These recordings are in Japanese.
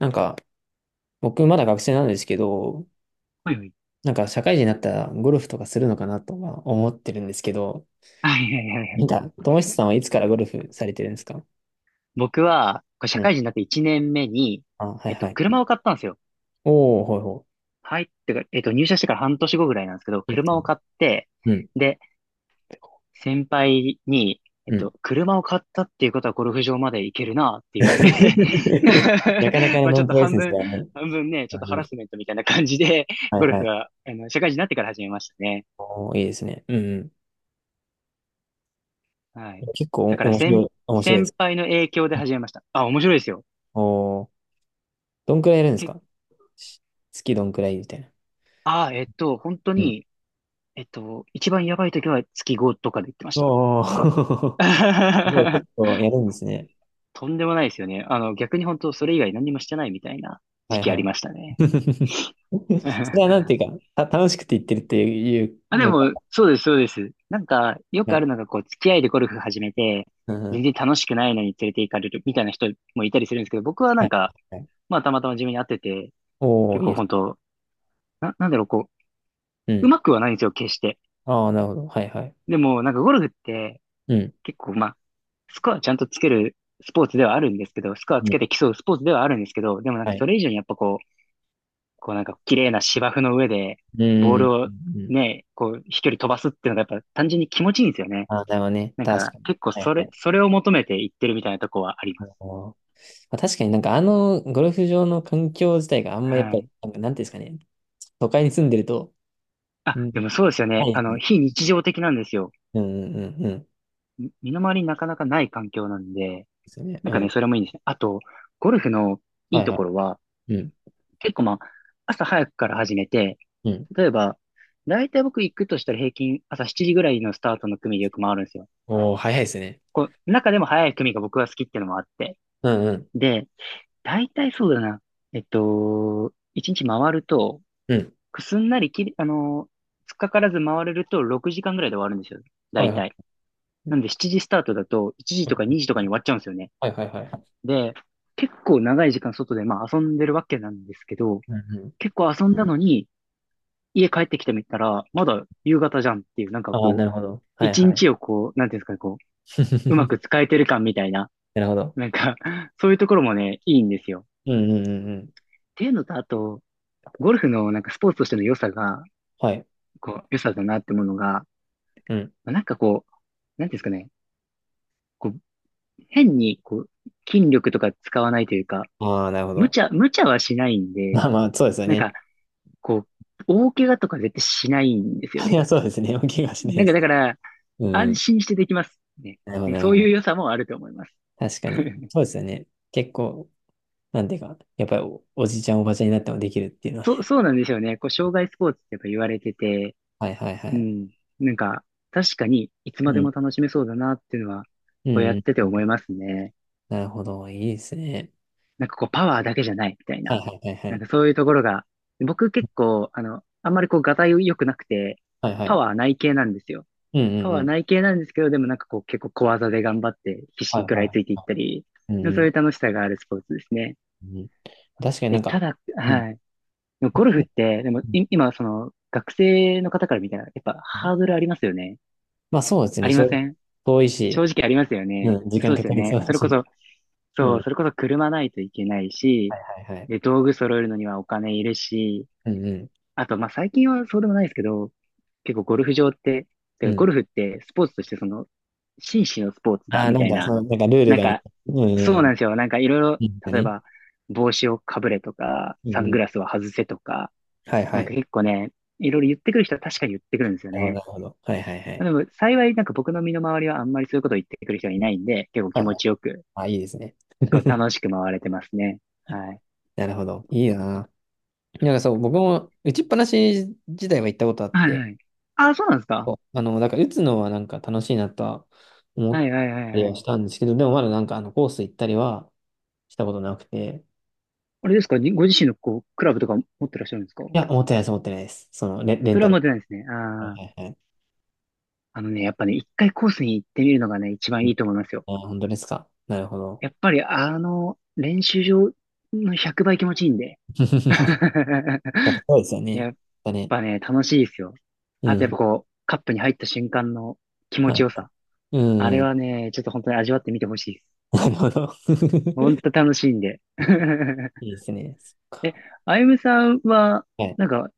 なんか、僕まだ学生なんですけど、はいはい。なんか社会人になったらゴルフとかするのかなとは思ってるんですけど、はいはいはいはいなんい。か、友久さんはいつからゴルフされてるんですか？僕は、これう社ん。会人になって1年目に、あ、はいはい。車を買ったんですよ。おー、ほいほはい。ってか、入社してから半年後ぐらいなんですけど、い。いいです車をね。買って、うん。で、先輩に、うん。車を買ったっていうことはゴルフ場まで行けるなって言われて。 なかなか のまあノちょっンプとロレス半ですか分、らね。半分ね、ちうょっとハラん。スメントみたいな感じで、はいゴルはフい。は、社会人になってから始めましたね。おー、いいですね。うんうん。はい。結構だかおら面白先、い、面白いで先す。輩の影響で始めました。あ、面白いですよ。おー、どんくらいやるんですけ、か？し月どんくらいみたいな。あ、本当うん。に、一番やばい時は月ごとかで言ってました。おー、すごい結 構やるんですね。とんでもないですよね。逆に本当それ以外何もしてないみたいなは時い期あはりい。ましたね。それはなんて いうか、楽しくて言ってるっていうあ、でのか。も、そうです、そうです。なんか、よはくあい。るのが、こう、付き合いでゴルフ始めて、うん、う全ん。然楽しくないのに連れて行かれるみたいな人もいたりするんですけど、僕はなはんい。か、はい。まあ、たまたま自分に合ってて、おー、結いい構です。本当なんだろう、こうう、うん。まくはないんですよ、決して。ああ、なるほど。はいはい。でも、なんかゴルフって、うん。結構まあ、スコアちゃんとつけるスポーツではあるんですけど、スコアうつん。けて競うスポーツではあるんですけど、でもなんはかそい。れ以上にやっぱこう、こうなんか綺麗な芝生の上で、うボーん。うん。ルをうん。ね、こう飛距離飛ばすっていうのがやっぱ単純に気持ちいいんですよね。ああ、なるほどね。なん確かかに。結構はいそはれ、い。それを求めていってるみたいなとこはあります。おー。まあ、確かになんかあのゴルフ場の環境自体があんまやっはぱ、い。なんかなんていうんですかね。都会に住んでると、あ、うん。でもそうですよなね。いですね。非日常的なんですよ。うんうんうんうん。で身の回りになかなかない環境なんで、すよね。なうんかね、ん。それもいいんですね。あと、ゴルフのいはいいとはころは、い。うん。結構まあ、朝早くから始めて、うん。例えば、だいたい僕行くとしたら平均朝7時ぐらいのスタートの組でよく回るんですよ。おー、早いですね。こう、中でも早い組が僕は好きっていうのもあって。うんうん。で、だいたいそうだな。1日回ると、うん。すんなりきり、あのー、つっかからず回れると6時間ぐらいで終わるんですよ。だはいいはい。たいうなんん。で7時スタートだと1時とか2時とかに終わっちゃうんですよね。はいはいはい。で、結構長い時間外でまあ遊んでるわけなんですけど、うんうん。結構遊んだのに家帰ってきてみたら、まだ夕方じゃんっていう、なんかああ、こなう、るほど。はい一はい。日をこう、なんていうんですかね、こう、うま く使えてる感みたいな、なるほど。なんか そういうところもね、いいんですよ。うんうんうんうん。っていうのと、あと、ゴルフのなんかスポーツとしての良さが、はい。こう、良さだなってものが、うん。まあなんかこう、なんていうんですかね、こう、変にこう、筋力とか使わないというか、ああ、なるほ無ど。茶、無茶はしないんで、まあまあ、そうですよなんね。か、こう、大怪我とか絶対しないんですよいね。や、そうですね。お怪我しないなでんかす。だから、う安ん。心してできますね。なるほど、なんかなるそほういうど。良さもあると思います。確かに。そうですよね。結構、なんていうか、やっぱりおじいちゃん、おばちゃんになってもできるっていうのはそう、ね。そうなんですよね。こう、障害スポーツってやっぱ言われてて、はいはいはうい。ん。なんか、確かにいつまうでもん。楽しめそうだなっていうのは、うこうやんっててうん。思いますね。なるほど。いいですね。なんかこう、パワーだけじゃないみたいはいな。はいはいはなんい。かそういうところが、僕結構、あんまりこう、がたい良くなくて、はいはパい。ワーない系なんですよ。うんうパんワーうん。ない系なんですけど、でもなんかこう、結構小技で頑張って必死はにい食らいはついていったり、い。うんうそうん。いう楽しさがあるスポーツですね。うん、確かになで、んたか、だ、うん。はい。でもゴルフって、でもい今、その、学生の方から見たら、やっぱハードルありますよね。まあそうですあね。り正ま直せん？遠い正し、直ありますよね。うん、時そ間うでかすよかりそね。うだそれこし。そ、うそう、ん。それこそ車ないといけないはし、いはいはい。で、道具揃えるのにはお金いるし、うんうん。あと、まあ、最近はそうでもないですけど、結構ゴルフ場って、てうかゴん。ルフってスポーツとしてその、紳士のスポーツだ、ああ、みなたんいか、そな。の、なんかルールなんがみか、たいな、うん。そううん。なんですよ。なんかいろいろ、うんだ例えね。ば、帽子をかぶれとか、うサンんうグん。ラスは外せとか、はいはなんい。か結構ね、いろいろ言ってくる人は確かに言ってくるんですよなるほど、なね。るほど。はいはいはまあい。でも幸いなんか僕の身の回りはあんまりそういうことを言ってくる人はいないんで、結構は気い。持ちよく、あ、いいですね。こう 楽しく回れてますね。はい。なるほど。いいな。なんかそう、僕も打ちっぱなし自体は行ったことあっはいて、はい。ああ、そうなんですか？そうあの、だから打つのはなんか楽しいなとは思っはたいはいはいりははい。したんですけど、でもまだなんかあのコース行ったりはしたことなくて、あれですかに、ご自身のこう、クラブとか持ってらっしゃるんですか？いや、思ってないです、思ってないです。そのレそンれタは持っル。てないですね。はいああ。はいはい。あのね、やっぱね、一回コースに行ってみるのがね、一う番ん。いいと思いますよ。あ本当ですか。なるほど。やっぱり練習場の100倍気持ちいいんで。あ そうですよいね。や、だね。楽しいですよ。うあとやっん。ぱこう、カップに入った瞬間の気持はちよさ。い。うあれん。はね、ちょっと本当に味わってみてほしいです。なるほど。ほんと 楽しいんで。いいですね。そっえ、か。あゆむさんは、はい。なんか、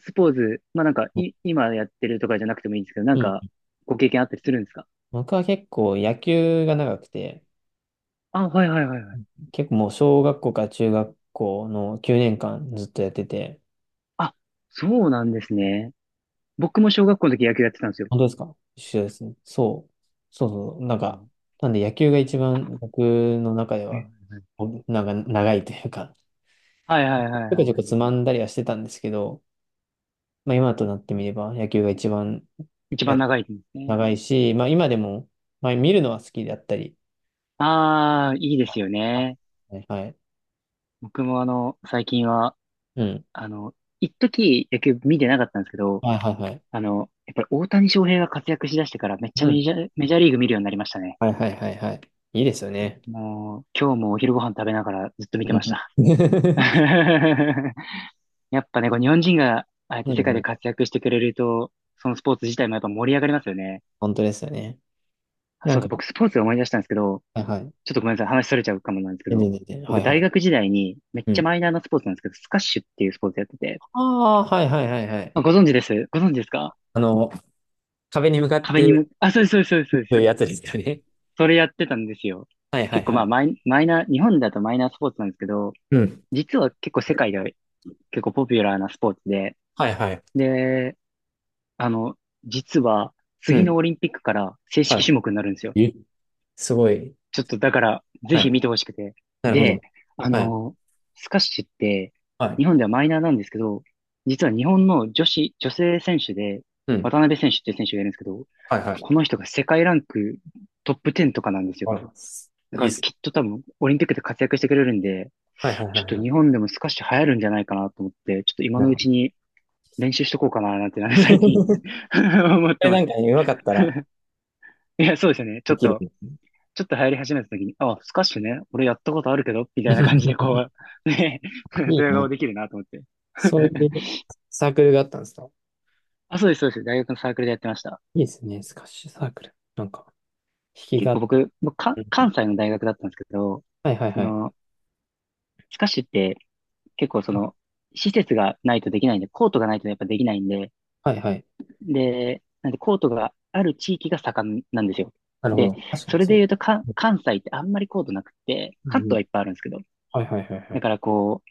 スポーツ、まあなんか、うん。今やってるとかじゃなくてもいいんですけど、なんか、ご経験あったりするんですか？僕は結構野球が長くて、あ、はいはいはいはい。結構もう小学校から中学校の9年間ずっとやってて、あ、そうなんですね。僕も小学校の時野球やってたんですよ。本当ですか？一緒ですね。そう。そうそう。なんこうか、なんで野球が一番僕の中では、おなんか長いというか、はいはいはい。はいちょこちょはこい、つまんだりはしてたんですけど、まあ、今となってみれば野球が一番一や番長いですね。長いし、まあ、今でも、まあ、見るのは好きだったり。ああ、いいですよあね。はいはい。僕も最近はうん。あの、一時野球見てなかったんですけど、はいはいはい。やっぱり大谷翔平が活躍しだしてからめっちゃうメん。ジャー、メジャーリーグ見るようになりましたね。はいはいはいはい。いいですよね。もう、今日もお昼ご飯食べながらずっと見てうましん。 た。やっぱね、こう日本人がああやってう世界んうでん。活躍してくれると、そのスポーツ自体もやっぱ盛り上がりますよね。本当ですよね。あ、なそんうか、だ、僕スポーツで思い出したんですけど、はいはい。ちょっとごめんなさい、話それちゃうかもなんですけ全ど、然全然。は僕いは大い。学時代にめっうちゃん。マイナーなスポーツなんですけど、スカッシュっていうスポーツやってて、ああ、はいはいはいはい。あ、ご存知です。ご存知ですか？あの、壁に向かっ壁にてむ、あ、そうです、そうです、打そうでつす。やつですよね。それやってたんですよ。はいはい結構はまあい。マイナー、日本だとマイナースポーツなんですけど、うん。実は結構世界では結構ポピュラーなスポーツで、はいはい。で、あの、実はう次のん。オリンピックから正式は種目になるんですよ。い。すごい。ちょっとだから、ぜはひい。見てほしくて。なるほで、ど。あはい。の、スカッシュって、はい。日本ではマイナーなんですけど、実は日本の女性選手で、うん。渡辺選手っていう選手がいるんですけど、はいはい。この人が世界ランクトップ10とかなんですよ。わかります。だいかいっらす。きっと多分オリンピックで活躍してくれるんで、はいはいはちょっいとは日い。本でもスカッシュ流行るんじゃないかなと思って、ちょっと今なのるうほど。ちに練習しとこうかななんてなんか最近 こ 思ってれまなす。んかね、うまかったらいや、そうですよね。ちょでっきる。 と、ちょっと流行り始めた時に、あ、スカッシュね、俺やったことあるけど、みたいな感じで こう、ね、あいドいヤな。顔できるなと思って。そういう サークルがあったんですか？あ、そうです、そうです。大学のサークルでやってました。いいですね。スカッシュサークル。なんか、引き結があっ構て。僕うん。関西の大学だったんですけど、はいはいそはい。の、スカッシュって結構施設がないとできないんで、コートがないとやっぱできないんで、はいはい。で、なんでコートがある地域が盛んなんですよ。なるほで、ど。確かそにれそでう。言うとか、関西ってあんまりコートなくて、う関んう東ん。はいっぱいあるんですけど、はいはいはいはだい。からこう、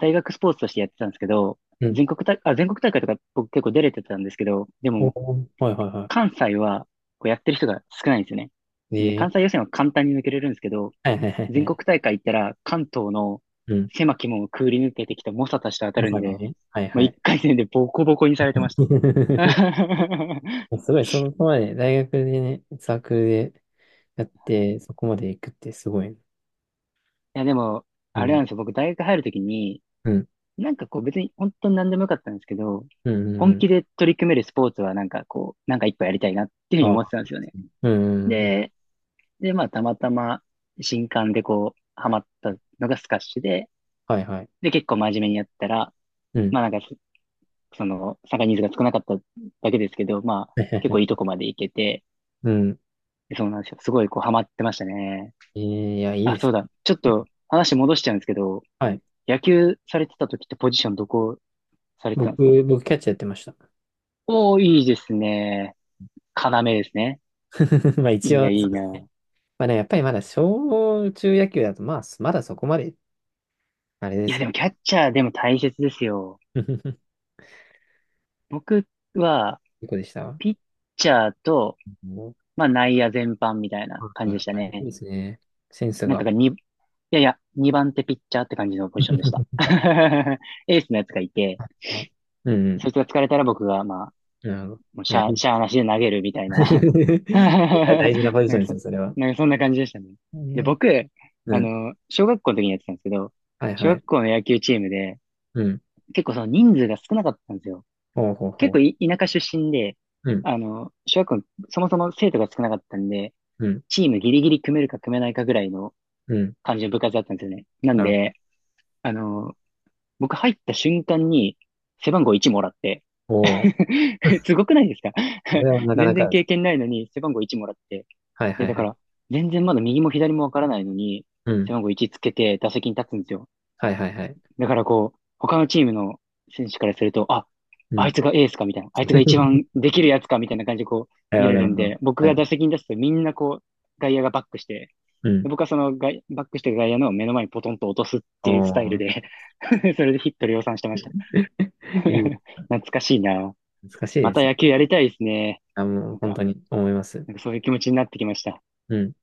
大学スポーツとしてやってたんですけど、うん。全国大会とか僕結構出れてたんですけど、でおも、ーはいはいは関西はこうやってる人が少ないんですよね。で、い。ええ。関西予選は簡単に抜けれるんですけど、はいはいはいは全い。国大会行ったら関東のうん。狭き門をくぐり抜けてきた猛者たちと当たわるかんるで、ね。はいもうは一い。回戦でボコボコにされてました。すごい、そこまで、大学でね、サークルでやって、そこまで行くってすごいね。いや、でも、うあれなん、んですよ。僕、大学入るときに、うん、なんかこう、別に本当に何でもよかったんですけど、うん、本う気ん。で取り組めるスポーツは、なんかこう、なんか一個やりたいなっていうふうにああ、思ってたんですよね。うん、うん、うん。で、で、まあ、たまたま、新刊でこう、ハマったのがスカッシュで、はいはい。で、結構真面目にやったら、うん。まあ、その、参加人数が少なかっただけですけど、ま あ、はいはい結は構いいとこい。まで行けて、うん。そうなんですよ。すごいこう、ハマってましたね。えーいや、いいあ、でそうす。だ。ちょっと、話戻しちゃうんですけど、はい。野球されてた時ってポジションどこされてたんですか？僕、キャッチャーやってました。おー、いいですね。要ですね。まあ、い一いな、応、いそいうです。な。まあね、やっぱりまだ小中野球だと、まあ、まだそこまで、あれでいすや、でけもキど。ャッチャーでも大切ですよ。僕は、いい子でした。うピッチャーと、ん。まあ内野全般みたいなはい感じはでしいたはい。いいね。ですね。センスなんかが。がに、いやいや、2番手ピッチャーって感じのポジションでした。エースのやつがいて、はい。うんうん。そいつが疲れたら僕が、まあなるほど。もういしや、いゃあ、しゃい。ーなしで投げるみたいな。大事なポジなショんンかですそ、よ、それは。なんかそんな感じでしたね。で、ね。僕、うあん。の、小学校の時にやってたんですけど、はい小は学い。校の野球チームで、うん。結構その人数が少なかったんですよ。ほうほう結構ほい田舎出身で、う。うん。あの、小学校の、そもそも生徒が少なかったんで、うん。チームギリギリ組めるか組めないかぐらいのうん。感じの部活だったんですよね。なんなるで、あの、僕入った瞬間に背番号1もらって、ほど。おー。 すごくないですか？ それは なか全なか然です。経験ないのに背番号1もらって。はいはで、いだはかい。ら、全然まだ右も左もわからないのに、うん。背番号1つけて打席に立つんですよ。はいはいはい。だからこう、他のチームの選手からすると、あ、うあいん。つがエースかみたいな、あいつが一 番できるやつかみたいな感じでこうなる見ほれど、なるるんほど。で、僕はいがは打い。席に出すとみんなこう、外野がバックして、うん。で僕はその外バックしてガ外野の目の前にポトンと落とすっおていうスタイルー。で それでヒット量産してました。いい。懐かしいな。難しいまでたすね。野球やりたいですね。あ、もうなん本当か、に思います。なんかそういう気持ちになってきました。うん。